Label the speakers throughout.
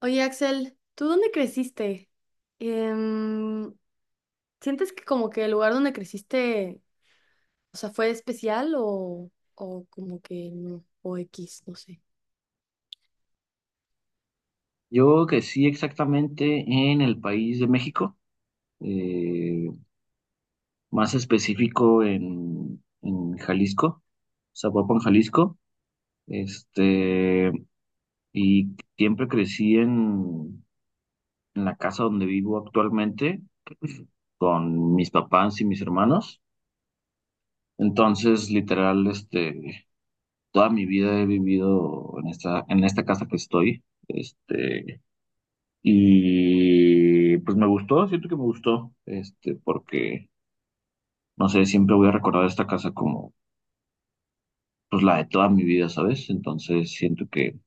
Speaker 1: Oye, Axel, ¿tú dónde creciste? Em, ¿Sientes que como que el lugar donde creciste, o sea, fue especial o como que no, o X, no sé?
Speaker 2: Yo crecí exactamente en el país de México, eh, más específico en, Jalisco, Zapopan, Jalisco. Este, y siempre crecí en la casa donde vivo actualmente con mis papás y mis hermanos. Entonces, literal, toda mi vida he vivido en esta casa que estoy. Y pues me gustó, siento que me gustó, porque no sé, siempre voy a recordar esta casa como pues la de toda mi vida, ¿sabes? Entonces siento que,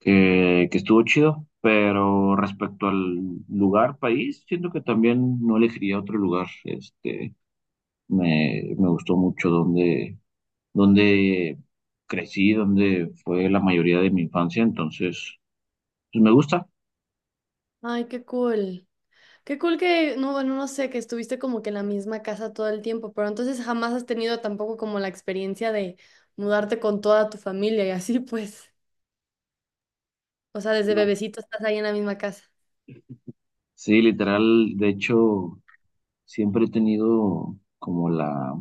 Speaker 2: que, que estuvo chido, pero respecto al lugar, país, siento que también no elegiría otro lugar. Me gustó mucho donde crecí, donde fue la mayoría de mi infancia, entonces pues me gusta.
Speaker 1: Ay, qué cool. Qué cool que, no, bueno, no sé, que estuviste como que en la misma casa todo el tiempo, pero entonces jamás has tenido tampoco como la experiencia de mudarte con toda tu familia y así pues. O sea, desde
Speaker 2: No.
Speaker 1: bebecito estás ahí en la misma casa.
Speaker 2: Sí, literal, de hecho, siempre he tenido como la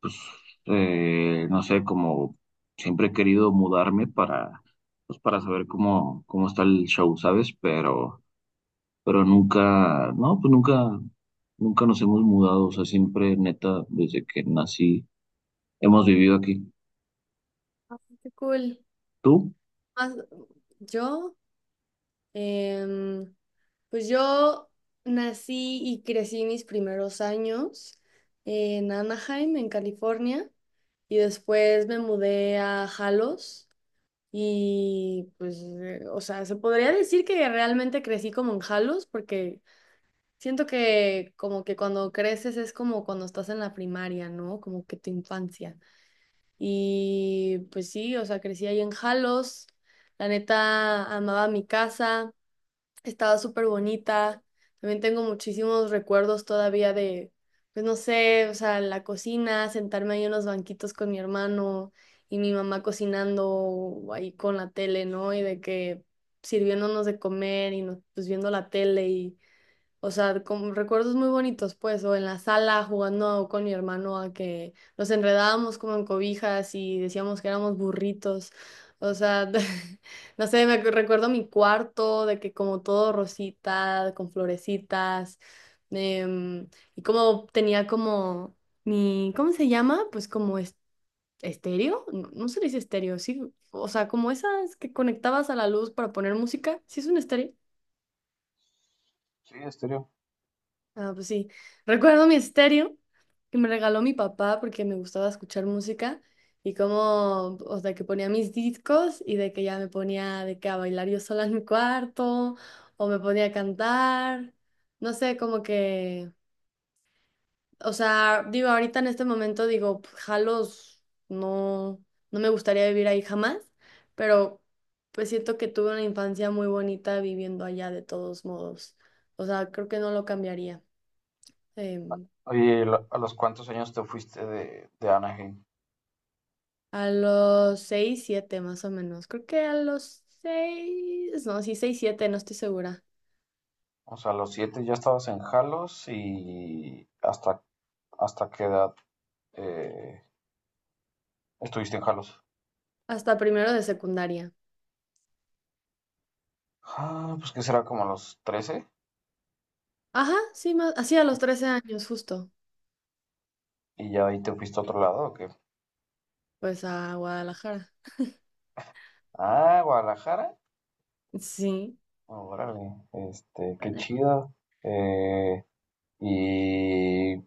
Speaker 2: pues, no sé, como siempre he querido mudarme pues, para saber cómo está el show, ¿sabes? Pero nunca, no, pues nunca nos hemos mudado, o sea, siempre, neta, desde que nací, hemos vivido aquí.
Speaker 1: Ay, qué cool.
Speaker 2: ¿Tú?
Speaker 1: Más- yo, em, pues yo nací y crecí mis primeros años en Anaheim, en California, y después me mudé a Jalos y pues, o sea, se podría decir que realmente crecí como en Jalos porque siento que como que cuando creces es como cuando estás en la primaria, ¿no? Como que tu infancia. Y pues sí, o sea, crecí ahí en Jalos, la neta amaba mi casa. Estaba súper bonita. También tengo muchísimos recuerdos todavía de, pues no sé, o sea, la cocina, sentarme ahí en los banquitos con mi hermano y mi mamá cocinando o ahí con la tele, ¿no? Y de que sirviéndonos de comer y nos, pues viendo la tele y o sea, como recuerdos muy bonitos, pues, o en la sala jugando con mi hermano a que nos enredábamos como en cobijas y decíamos que éramos burritos. O sea, no sé, recuerdo mi cuarto de que como todo rosita, con florecitas, em, y como tenía como mi, ¿cómo se llama? Pues como estéreo, no, no se le dice estéreo, sí, o sea, como esas que conectabas a la luz para poner música, sí es un estéreo. Ah, pues sí. Recuerdo mi estéreo que me regaló mi papá porque me gustaba escuchar música y como, o sea, que ponía mis discos y de que ya me ponía de que a bailar yo sola en mi cuarto o me ponía a cantar. No sé, como que, o sea, digo, ahorita en este momento digo, "Pf, jalos, no, no me gustaría vivir ahí jamás, pero pues siento que tuve una infancia muy bonita viviendo allá de todos modos. O sea, creo que no lo cambiaría. Em,
Speaker 2: Oye, ¿y a los cuántos años te fuiste de Anaheim?
Speaker 1: A los 6, 7 más o menos. Creo que a los 6, no, sí, 6, 7, no estoy segura.
Speaker 2: O sea, a los siete ya estabas en Jalos. ¿Y hasta qué edad eh, estuviste en Jalos?
Speaker 1: Hasta primero de secundaria.
Speaker 2: Ah, pues que será como a los 13.
Speaker 1: Ajá, sí, más, así a los 13 años justo.
Speaker 2: ¿Y ya ahí te fuiste a otro lado o qué?
Speaker 1: Pues a Guadalajara.
Speaker 2: Ah, Guadalajara.
Speaker 1: Sí.
Speaker 2: Órale, qué
Speaker 1: Bueno.
Speaker 2: chido. Eh, ¿Y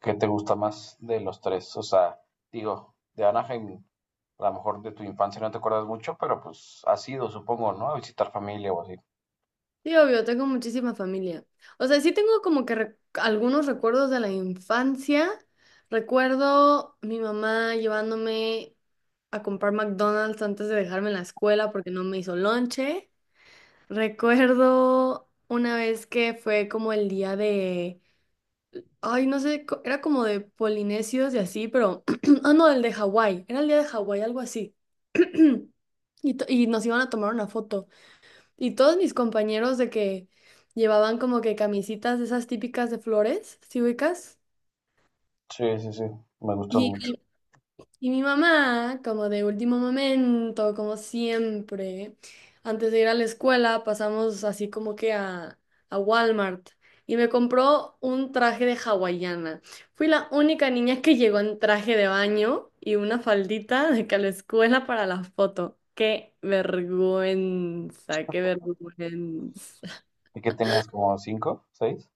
Speaker 2: qué te gusta más de los tres? O sea, digo, de Anaheim, a lo mejor de tu infancia no te acuerdas mucho, pero pues has ido, supongo, ¿no? A visitar familia o así.
Speaker 1: Sí, obvio, tengo muchísima familia. O sea, sí tengo como que algunos recuerdos de la infancia. Recuerdo mi mamá llevándome a comprar McDonald's antes de dejarme en la escuela porque no me hizo lonche. Recuerdo una vez que fue como el día de, ay, no sé, era como de polinesios y así, pero, ah, no, el de Hawái, era el día de Hawái, algo así. Y, y nos iban a tomar una foto. Y todos mis compañeros de que llevaban como que camisitas de esas típicas de flores, ¿sí ubicas?
Speaker 2: Sí, sí, sí, me gustó mucho.
Speaker 1: Y, y mi mamá, como de último momento, como siempre, antes de ir a la escuela, pasamos así como que a, Walmart y me compró un traje de hawaiana. Fui la única niña que llegó en traje de baño y una faldita de que a la escuela para la foto. ¡Qué vergüenza! ¡Qué vergüenza!
Speaker 2: ¿Y qué tenías como cinco, seis?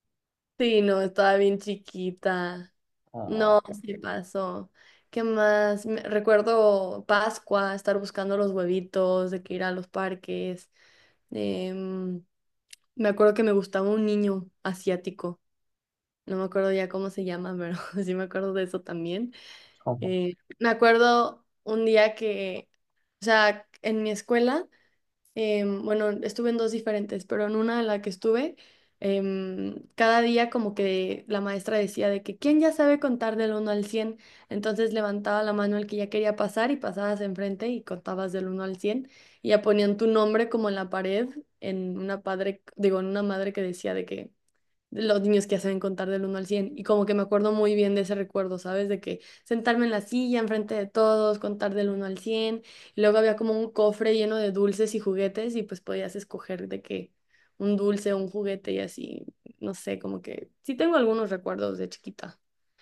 Speaker 1: Sí, no, estaba bien chiquita.
Speaker 2: Ah,
Speaker 1: No, sí pasó. ¿Qué más? Recuerdo Pascua, estar buscando los huevitos, de que ir a los parques. Em, me acuerdo que me gustaba un niño asiático. No me acuerdo ya cómo se llama, pero sí me acuerdo de eso también.
Speaker 2: ujú.
Speaker 1: Eh, me acuerdo un día que, o sea, en mi escuela bueno, estuve en dos diferentes, pero en una de la que estuve, cada día como que la maestra decía de que quién ya sabe contar del uno al 100 entonces levantaba la mano el que ya quería pasar y pasabas enfrente y contabas del uno al 100 y ya ponían tu nombre como en la pared, en una padre, digo, en una madre que decía de que los niños que saben contar del uno al 100 y como que me acuerdo muy bien de ese recuerdo, ¿sabes? De que sentarme en la silla enfrente de todos, contar del uno al 100 y luego había como un cofre lleno de dulces y juguetes y pues podías escoger de que un dulce o un juguete y así, no sé, como que sí tengo algunos recuerdos de chiquita.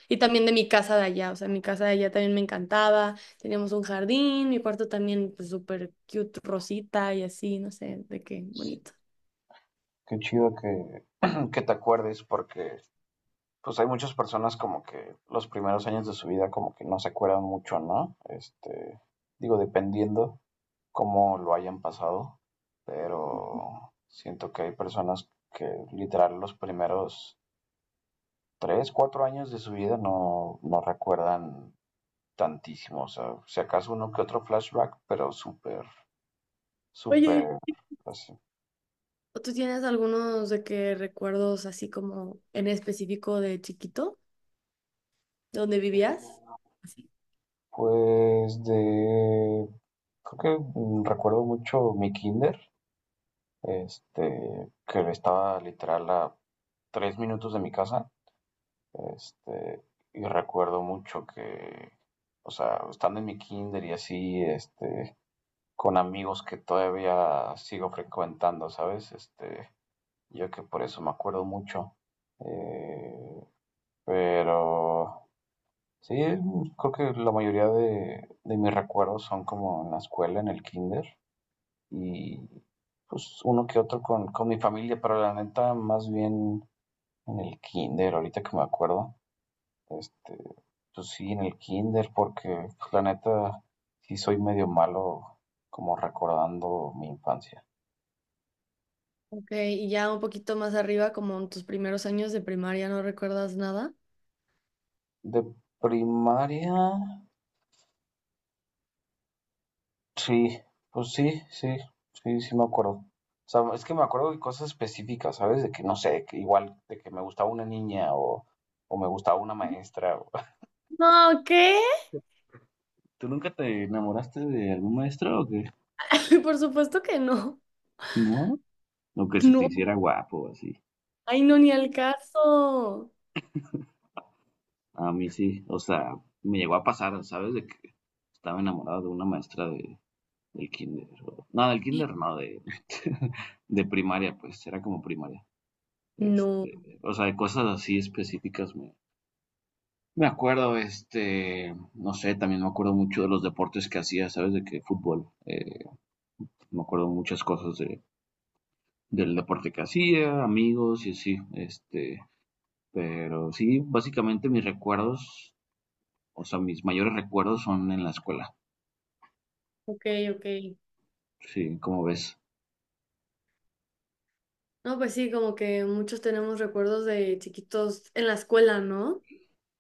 Speaker 1: Y también de mi casa de allá, o sea, mi casa de allá también me encantaba, teníamos un jardín, mi cuarto también pues súper cute, rosita y así, no sé, de qué bonito.
Speaker 2: Qué chido que, que te acuerdes porque pues hay muchas personas como que los primeros años de su vida como que no se acuerdan mucho, ¿no? Digo, dependiendo cómo lo hayan pasado, pero siento que hay personas que literal los primeros tres, cuatro años de su vida no recuerdan tantísimo, o sea, si acaso uno que otro flashback, pero súper, súper,
Speaker 1: Oye,
Speaker 2: así.
Speaker 1: ¿O ¿tú tienes algunos de que recuerdos así como en específico de chiquito, donde vivías? Así.
Speaker 2: Pues, creo que recuerdo mucho mi kinder, que estaba literal a 3 minutos de mi casa, este, y recuerdo mucho que, o sea, estando en mi kinder y así, con amigos que todavía sigo frecuentando, ¿sabes? Yo que por eso me acuerdo mucho. Eh, pero sí, creo que la mayoría de mis recuerdos son como en la escuela, en el kinder. Y pues uno que otro con mi familia, pero la neta, más bien en el kinder, ahorita que me acuerdo, este, pues sí, en el kinder, porque pues, la neta, sí soy medio malo como recordando mi infancia.
Speaker 1: Ok, y ya un poquito más arriba, como en tus primeros años de primaria, ¿no recuerdas nada?
Speaker 2: De primaria, sí, pues sí, sí, sí, sí me acuerdo. O sea, es que me acuerdo de cosas específicas, ¿sabes? De que no sé, que igual de que me gustaba una niña o me gustaba una maestra.
Speaker 1: No, ¿qué?
Speaker 2: ¿Tú nunca te enamoraste de algún maestro o qué?
Speaker 1: Por supuesto que no.
Speaker 2: ¿No? O que se te
Speaker 1: No,
Speaker 2: hiciera guapo, o así.
Speaker 1: ay, no, ni al caso.
Speaker 2: A mí sí, o sea, me llegó a pasar, ¿sabes? De que estaba enamorado de una maestra del kinder. No, del kinder no, de, de primaria, pues, era como primaria.
Speaker 1: No,
Speaker 2: Este, o sea, de cosas así específicas me acuerdo, no sé, también me acuerdo mucho de los deportes que hacía, ¿sabes? De que fútbol, me acuerdo muchas cosas del deporte que hacía, amigos y así, pero sí, básicamente mis recuerdos, o sea, mis mayores recuerdos son en la escuela.
Speaker 1: ok, ok.
Speaker 2: Sí, como ves.
Speaker 1: No, pues sí, como que muchos tenemos recuerdos de chiquitos en la escuela, ¿no?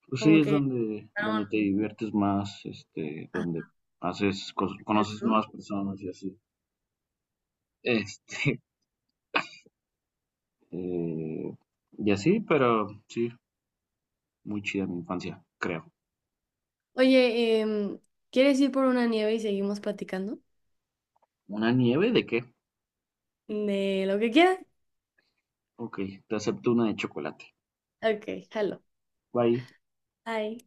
Speaker 2: Pues sí,
Speaker 1: Como
Speaker 2: es
Speaker 1: que...
Speaker 2: donde, te diviertes más, donde haces, conoces
Speaker 1: ah,
Speaker 2: nuevas personas y así. Este, y así, pero sí, muy chida mi infancia, creo.
Speaker 1: Oye, ¿quieres ir por una nieve y seguimos platicando?
Speaker 2: ¿Una de qué?
Speaker 1: De lo que quieras.
Speaker 2: Ok, te acepto chocolate.
Speaker 1: Ok, hello.
Speaker 2: Bye.
Speaker 1: Bye.